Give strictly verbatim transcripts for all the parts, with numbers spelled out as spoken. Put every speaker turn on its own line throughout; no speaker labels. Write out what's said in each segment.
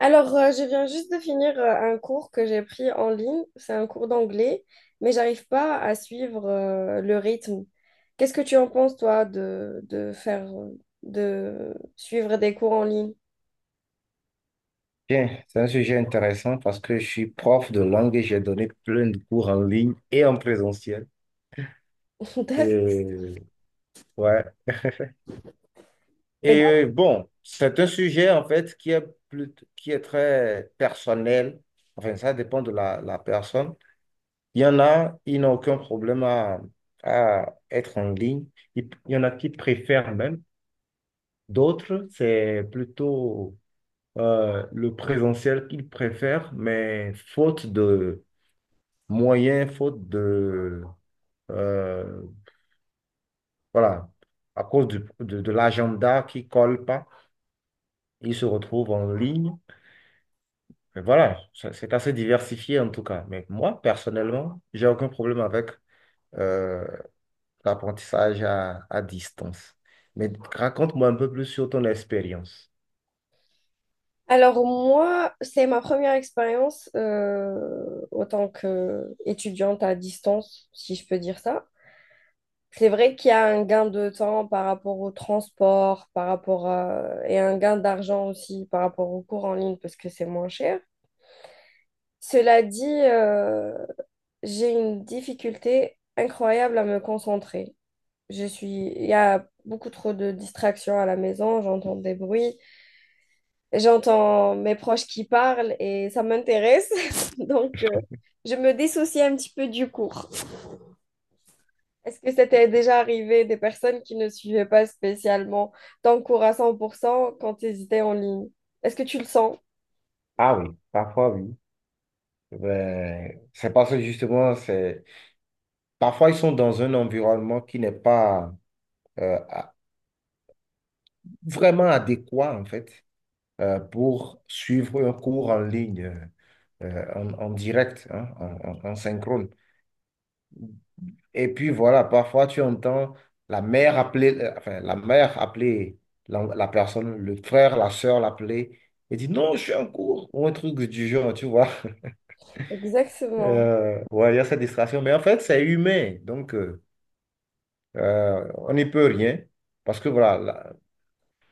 Alors, euh, je viens juste de finir euh, un cours que j'ai pris en ligne. C'est un cours d'anglais, mais j'arrive pas à suivre euh, le rythme. Qu'est-ce que tu en penses, toi, de, de faire, euh, de suivre des cours en ligne?
Bien, c'est un sujet intéressant parce que je suis prof de langue et j'ai donné plein de cours en ligne et en présentiel.
D'accord.
Et, ouais.
Et donc,
Et bon, c'est un sujet en fait qui est, plus, qui est très personnel. Enfin, ça dépend de la, la personne. Il y en a, ils n'ont aucun problème à, à être en ligne. Il il y en a qui préfèrent même. D'autres, c'est plutôt euh, le présentiel qu'ils préfèrent, mais faute de moyen, faute de... euh, voilà, à cause du- de, de l'agenda qui colle pas, ils se retrouvent en ligne. Mais voilà, ça- c'est assez diversifié en tout cas. Mais moi, personnellement, j'ai aucun problème avec euh, l'apprentissage à, à distance. Mais raconte-moi un peu plus sur ton expérience.
alors, moi, c'est ma première expérience euh, en tant qu'étudiante à distance, si je peux dire ça. C'est vrai qu'il y a un gain de temps par rapport au transport, par rapport à... et un gain d'argent aussi par rapport aux cours en ligne parce que c'est moins cher. Cela dit, euh, j'ai une difficulté incroyable à me concentrer. Je suis... Il y a beaucoup trop de distractions à la maison, j'entends des bruits, j'entends mes proches qui parlent et ça m'intéresse. Donc, euh, je me dissocie un petit peu du cours. Est-ce que c'était déjà arrivé des personnes qui ne suivaient pas spécialement ton cours à cent pour cent quand tu hésitais en ligne? Est-ce que tu le sens?
Ah oui, parfois oui. Ben, c'est parce que justement, c'est... Parfois, ils sont dans un environnement qui n'est pas euh, à- vraiment adéquat, en fait. Euh, pour suivre un cours en ligne, euh, en, en direct, hein, en, en- en synchrone. Et puis voilà, parfois tu entends la mère appeler, euh, enfin, la mère appeler la, la personne, le frère, la sœur l'appeler et dit non, je suis en cours, ou un truc du genre, tu vois.
Exactement,
Euh, ouais, il y a cette distraction, mais en fait, c'est humain, donc euh, euh, on n'y peut rien, parce que voilà, la-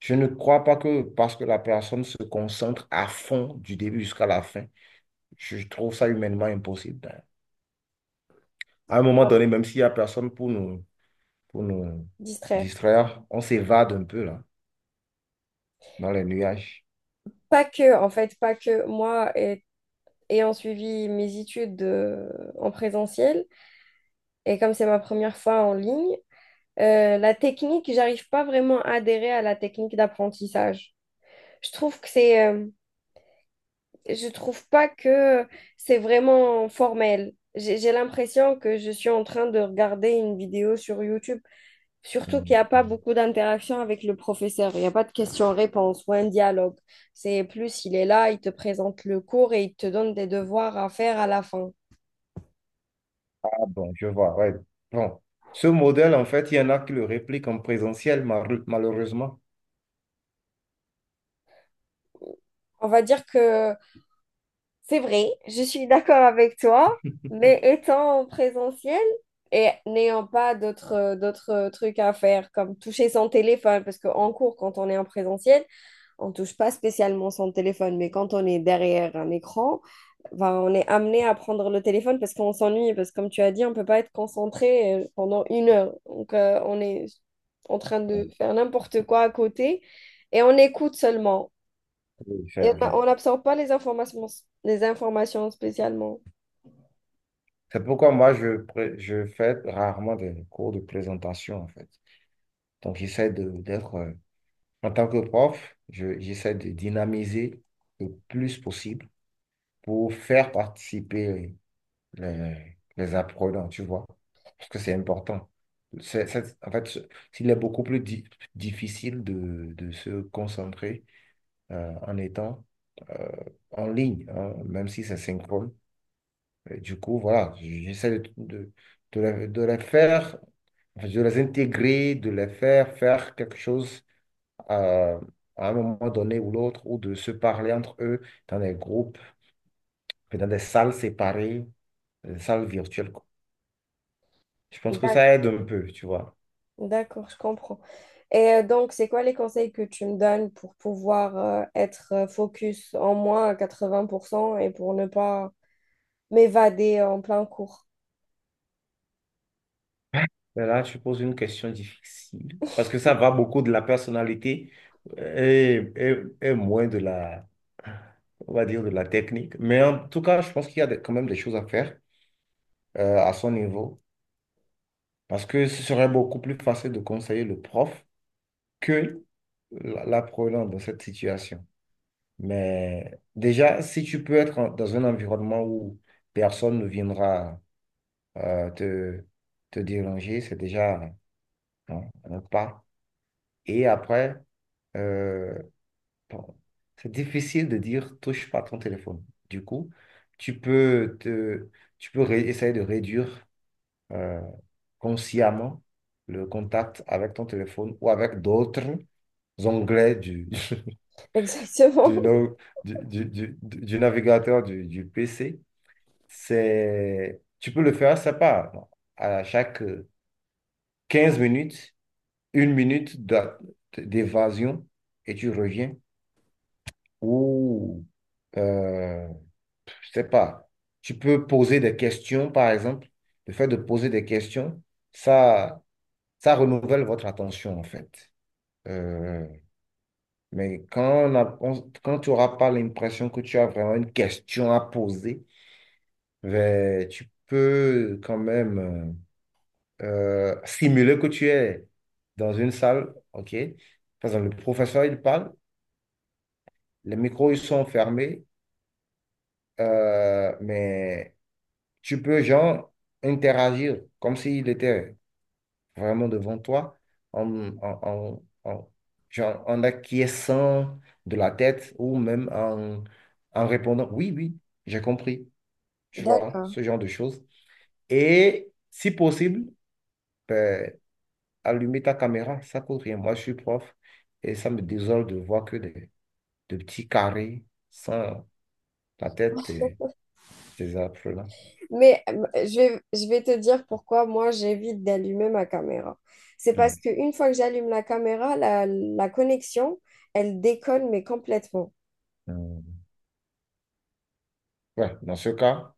je ne crois pas que parce que la personne se concentre à fond du début jusqu'à la fin. Je trouve ça humainement impossible. D'ailleurs. À un moment donné, même s'il n'y a personne pour nous, pour nous
distraire.
distraire, on s'évade un peu là, dans les nuages.
Pas que, en fait, pas que moi, et- ayant suivi mes études euh, en présentiel, et comme c'est ma première fois en ligne, euh, la technique, j'arrive pas vraiment à adhérer à la technique d'apprentissage. Je trouve que c'est euh, je trouve pas que c'est vraiment formel. J'ai j'ai l'impression que je suis en train de regarder une vidéo sur YouTube, surtout qu'il
Mhm.
n'y a pas beaucoup d'interaction avec le professeur. Il n'y a pas de questions-réponses ou un dialogue. C'est plus, il est là, il te présente le cours et il te donne des devoirs à faire à la fin.
Ah bon, je vois, ouais. Bon, ce modèle, en fait, il y en a qui le répliquent en présentiel, mar- malheureusement.
On va dire que c'est vrai, je suis d'accord avec toi, mais étant en présentiel et n'ayant pas d'autres euh, d'autres euh, trucs à faire, comme toucher son téléphone, parce qu'en cours, quand on est en présentiel, on touche pas spécialement son téléphone, mais quand on est derrière un écran, ben, on est amené à prendre le téléphone parce qu'on s'ennuie, parce que comme tu as dit, on peut pas être concentré euh, pendant une heure. Donc, euh, on est en train de faire n'importe quoi à côté et on écoute seulement.
Oui, c'est
Et
vrai.
on n'absorbe pas les informations, les informations spécialement.
C'est pourquoi moi, je, pré- je fais rarement des cours de présentation, en fait. Donc, j'essaie de, d'être, euh, en tant que prof, je- j'essaie de dynamiser le plus possible pour faire participer les, les apprenants, tu vois, parce que c'est important. C'est, c'est- en fait, c'est- il est beaucoup plus di- difficile de, de se concentrer euh, en étant euh, en ligne, hein, même si c'est synchrone. Et du coup, voilà, j'essaie de, de, de les, de les faire, enfin, de les intégrer, de les faire faire quelque chose euh, à un moment donné ou l'autre, ou de se parler entre eux dans des groupes, dans des salles séparées, des salles virtuelles. Je pense que
D'ac-
ça aide un peu, tu vois.
D'accord, je comprends. Et euh, donc, c'est quoi les conseils que tu me donnes pour pouvoir euh, être euh, focus en moins à quatre-vingts pour cent et pour ne pas m'évader en plein cours?
Mais là, tu poses une question difficile parce que ça va beaucoup de la personnalité euh, et, et- et moins de la, on va dire, de la technique. Mais en tout cas, je pense qu'il y a des- quand même des choses à faire euh, à son niveau parce que ce serait beaucoup plus facile de conseiller le prof que la- l'apprenant dans cette situation. Mais déjà, si tu peux être en- dans un environnement où personne ne viendra euh, te, te déranger, c'est déjà. Non, ne pas. Et après, euh, bon, c'est difficile de dire touche pas ton téléphone. Du coup, tu peux te, tu peux ré- essayer de réduire euh, consciemment le contact avec ton téléphone ou avec d'autres onglets du, du,
Exactement.
no- du, du- du- du navigateur du, du P C. C'est, tu peux le faire, c'est pas bon, à chaque euh, quinze minutes. Une minute d'a- d'évasion et tu reviens. Ou, euh, je sais pas, tu peux poser des questions, par exemple. Le fait de poser des questions, ça, ça renouvelle votre attention, en fait. Euh, mais quand, on a- on- quand tu n'auras pas l'impression que tu as vraiment une question à poser, ben, tu peux quand même euh, euh, simuler que tu es dans une salle, OK? Par exemple, le professeur, il parle. Les micros, ils sont fermés, euh, mais tu peux, genre, interagir comme s'il était vraiment devant toi, en, en, en, en- genre, en acquiesçant de la tête ou même en, en répondant, oui, oui, j'ai compris, tu vois,
D'accord.
ce genre de choses. Et si possible, ben, allumer ta caméra, ça coûte rien. Moi, je suis prof et ça me désole de voir que des, des petits carrés sans la tête des, des apprenants.
Mais euh, je vais, je vais te dire pourquoi moi j'évite d'allumer ma caméra. C'est parce qu'une fois que j'allume la caméra, la, la connexion, elle déconne, mais complètement.
Euh, Ouais, dans ce cas,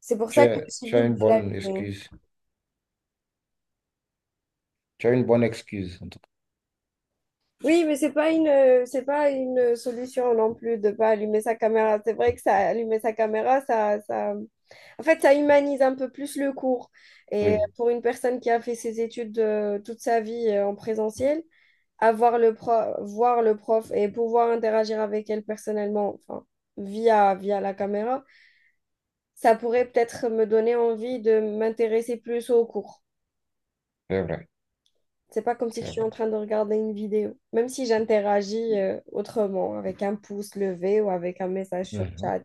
C'est pour
tu
ça que
as, tu as
j'évite
une
de
bonne
l'allumer.
excuse. Tu as une bonne excuse, en tout cas.
Oui, mais c'est pas une, c'est pas une solution non plus de pas allumer sa caméra. C'est vrai que ça, allumer sa caméra, ça, ça, en fait, ça humanise un peu plus le cours. Et
Oui,
pour une personne qui a fait ses études euh, toute sa vie euh, en présentiel, avoir le prof, voir le prof et pouvoir interagir avec elle personnellement, enfin, via, via la caméra, ça pourrait peut-être me donner envie de m'intéresser plus au cours.
c'est vrai,
C'est pas comme si je
c'est
suis
vrai.
en train de regarder une vidéo, même si j'interagis euh, autrement, avec un pouce levé ou avec un message sur
Mhm.
chat.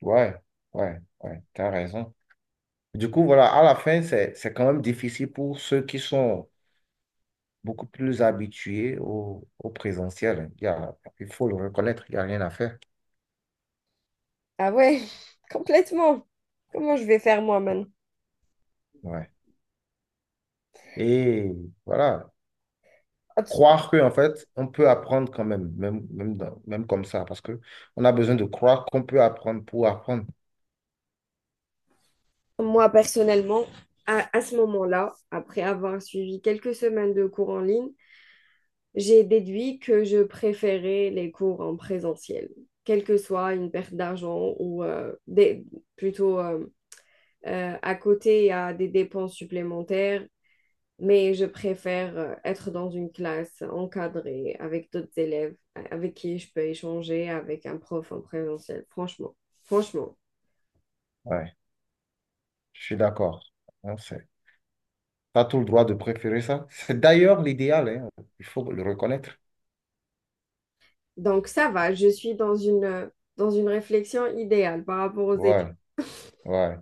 Ouais, ouais, ouais, tu as raison. Du coup, voilà, à la fin, c'est, c'est quand même difficile pour ceux qui sont beaucoup plus habitués au, au présentiel. Il y a- il faut le reconnaître, il n'y a rien à faire.
Ah ouais, complètement. Comment je vais faire moi maintenant?
Ouais. Et voilà, croire que, en fait, on peut apprendre quand même, même, même, dans- même comme ça, parce que on a besoin de croire qu'on peut apprendre pour apprendre.
Moi personnellement, à, à ce moment-là, après avoir suivi quelques semaines de cours en ligne, j'ai déduit que je préférais les cours en présentiel, quelle que soit une perte d'argent ou euh, des- plutôt euh, euh, à côté, il y a des dépenses supplémentaires, mais je préfère euh, être dans une classe encadrée avec d'autres élèves euh, avec qui je peux échanger avec un prof en présentiel, franchement. Franchement.
Ouais, je suis d'accord. Hein, c'est- T'as tout le droit de préférer ça. C'est d'ailleurs l'idéal, hein. Il faut le reconnaître.
Donc ça va, je suis dans une, euh, dans une réflexion idéale par rapport aux études.
Ouais, ouais.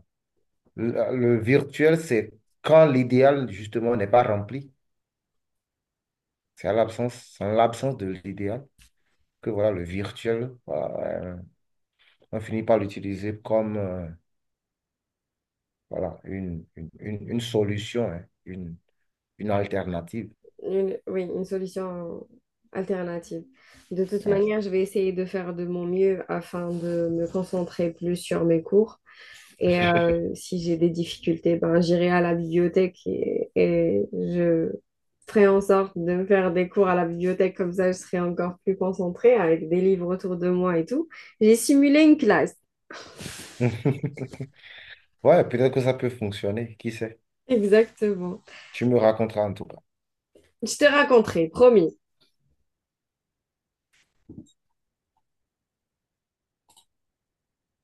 Le, le virtuel, c'est quand l'idéal, justement, n'est pas rempli. C'est à l'absence, c'est en l'absence de l'idéal que voilà, le virtuel, voilà, euh, on finit par l'utiliser comme euh, voilà, une, une, une- une solution, hein, une, une alternative.
Une- oui, une solution alternative. De toute
Ouais.
manière, je vais essayer de faire de mon mieux afin de me concentrer plus sur mes cours. Et euh, si j'ai des difficultés, ben, j'irai à la bibliothèque et, et je ferai en sorte de me faire des cours à la bibliothèque. Comme ça, je serai encore plus concentrée avec des livres autour de moi et tout. J'ai simulé une classe.
Ouais, peut-être que ça peut fonctionner. Qui sait?
Exactement.
Tu me raconteras en tout cas.
Je te raconterai, promis.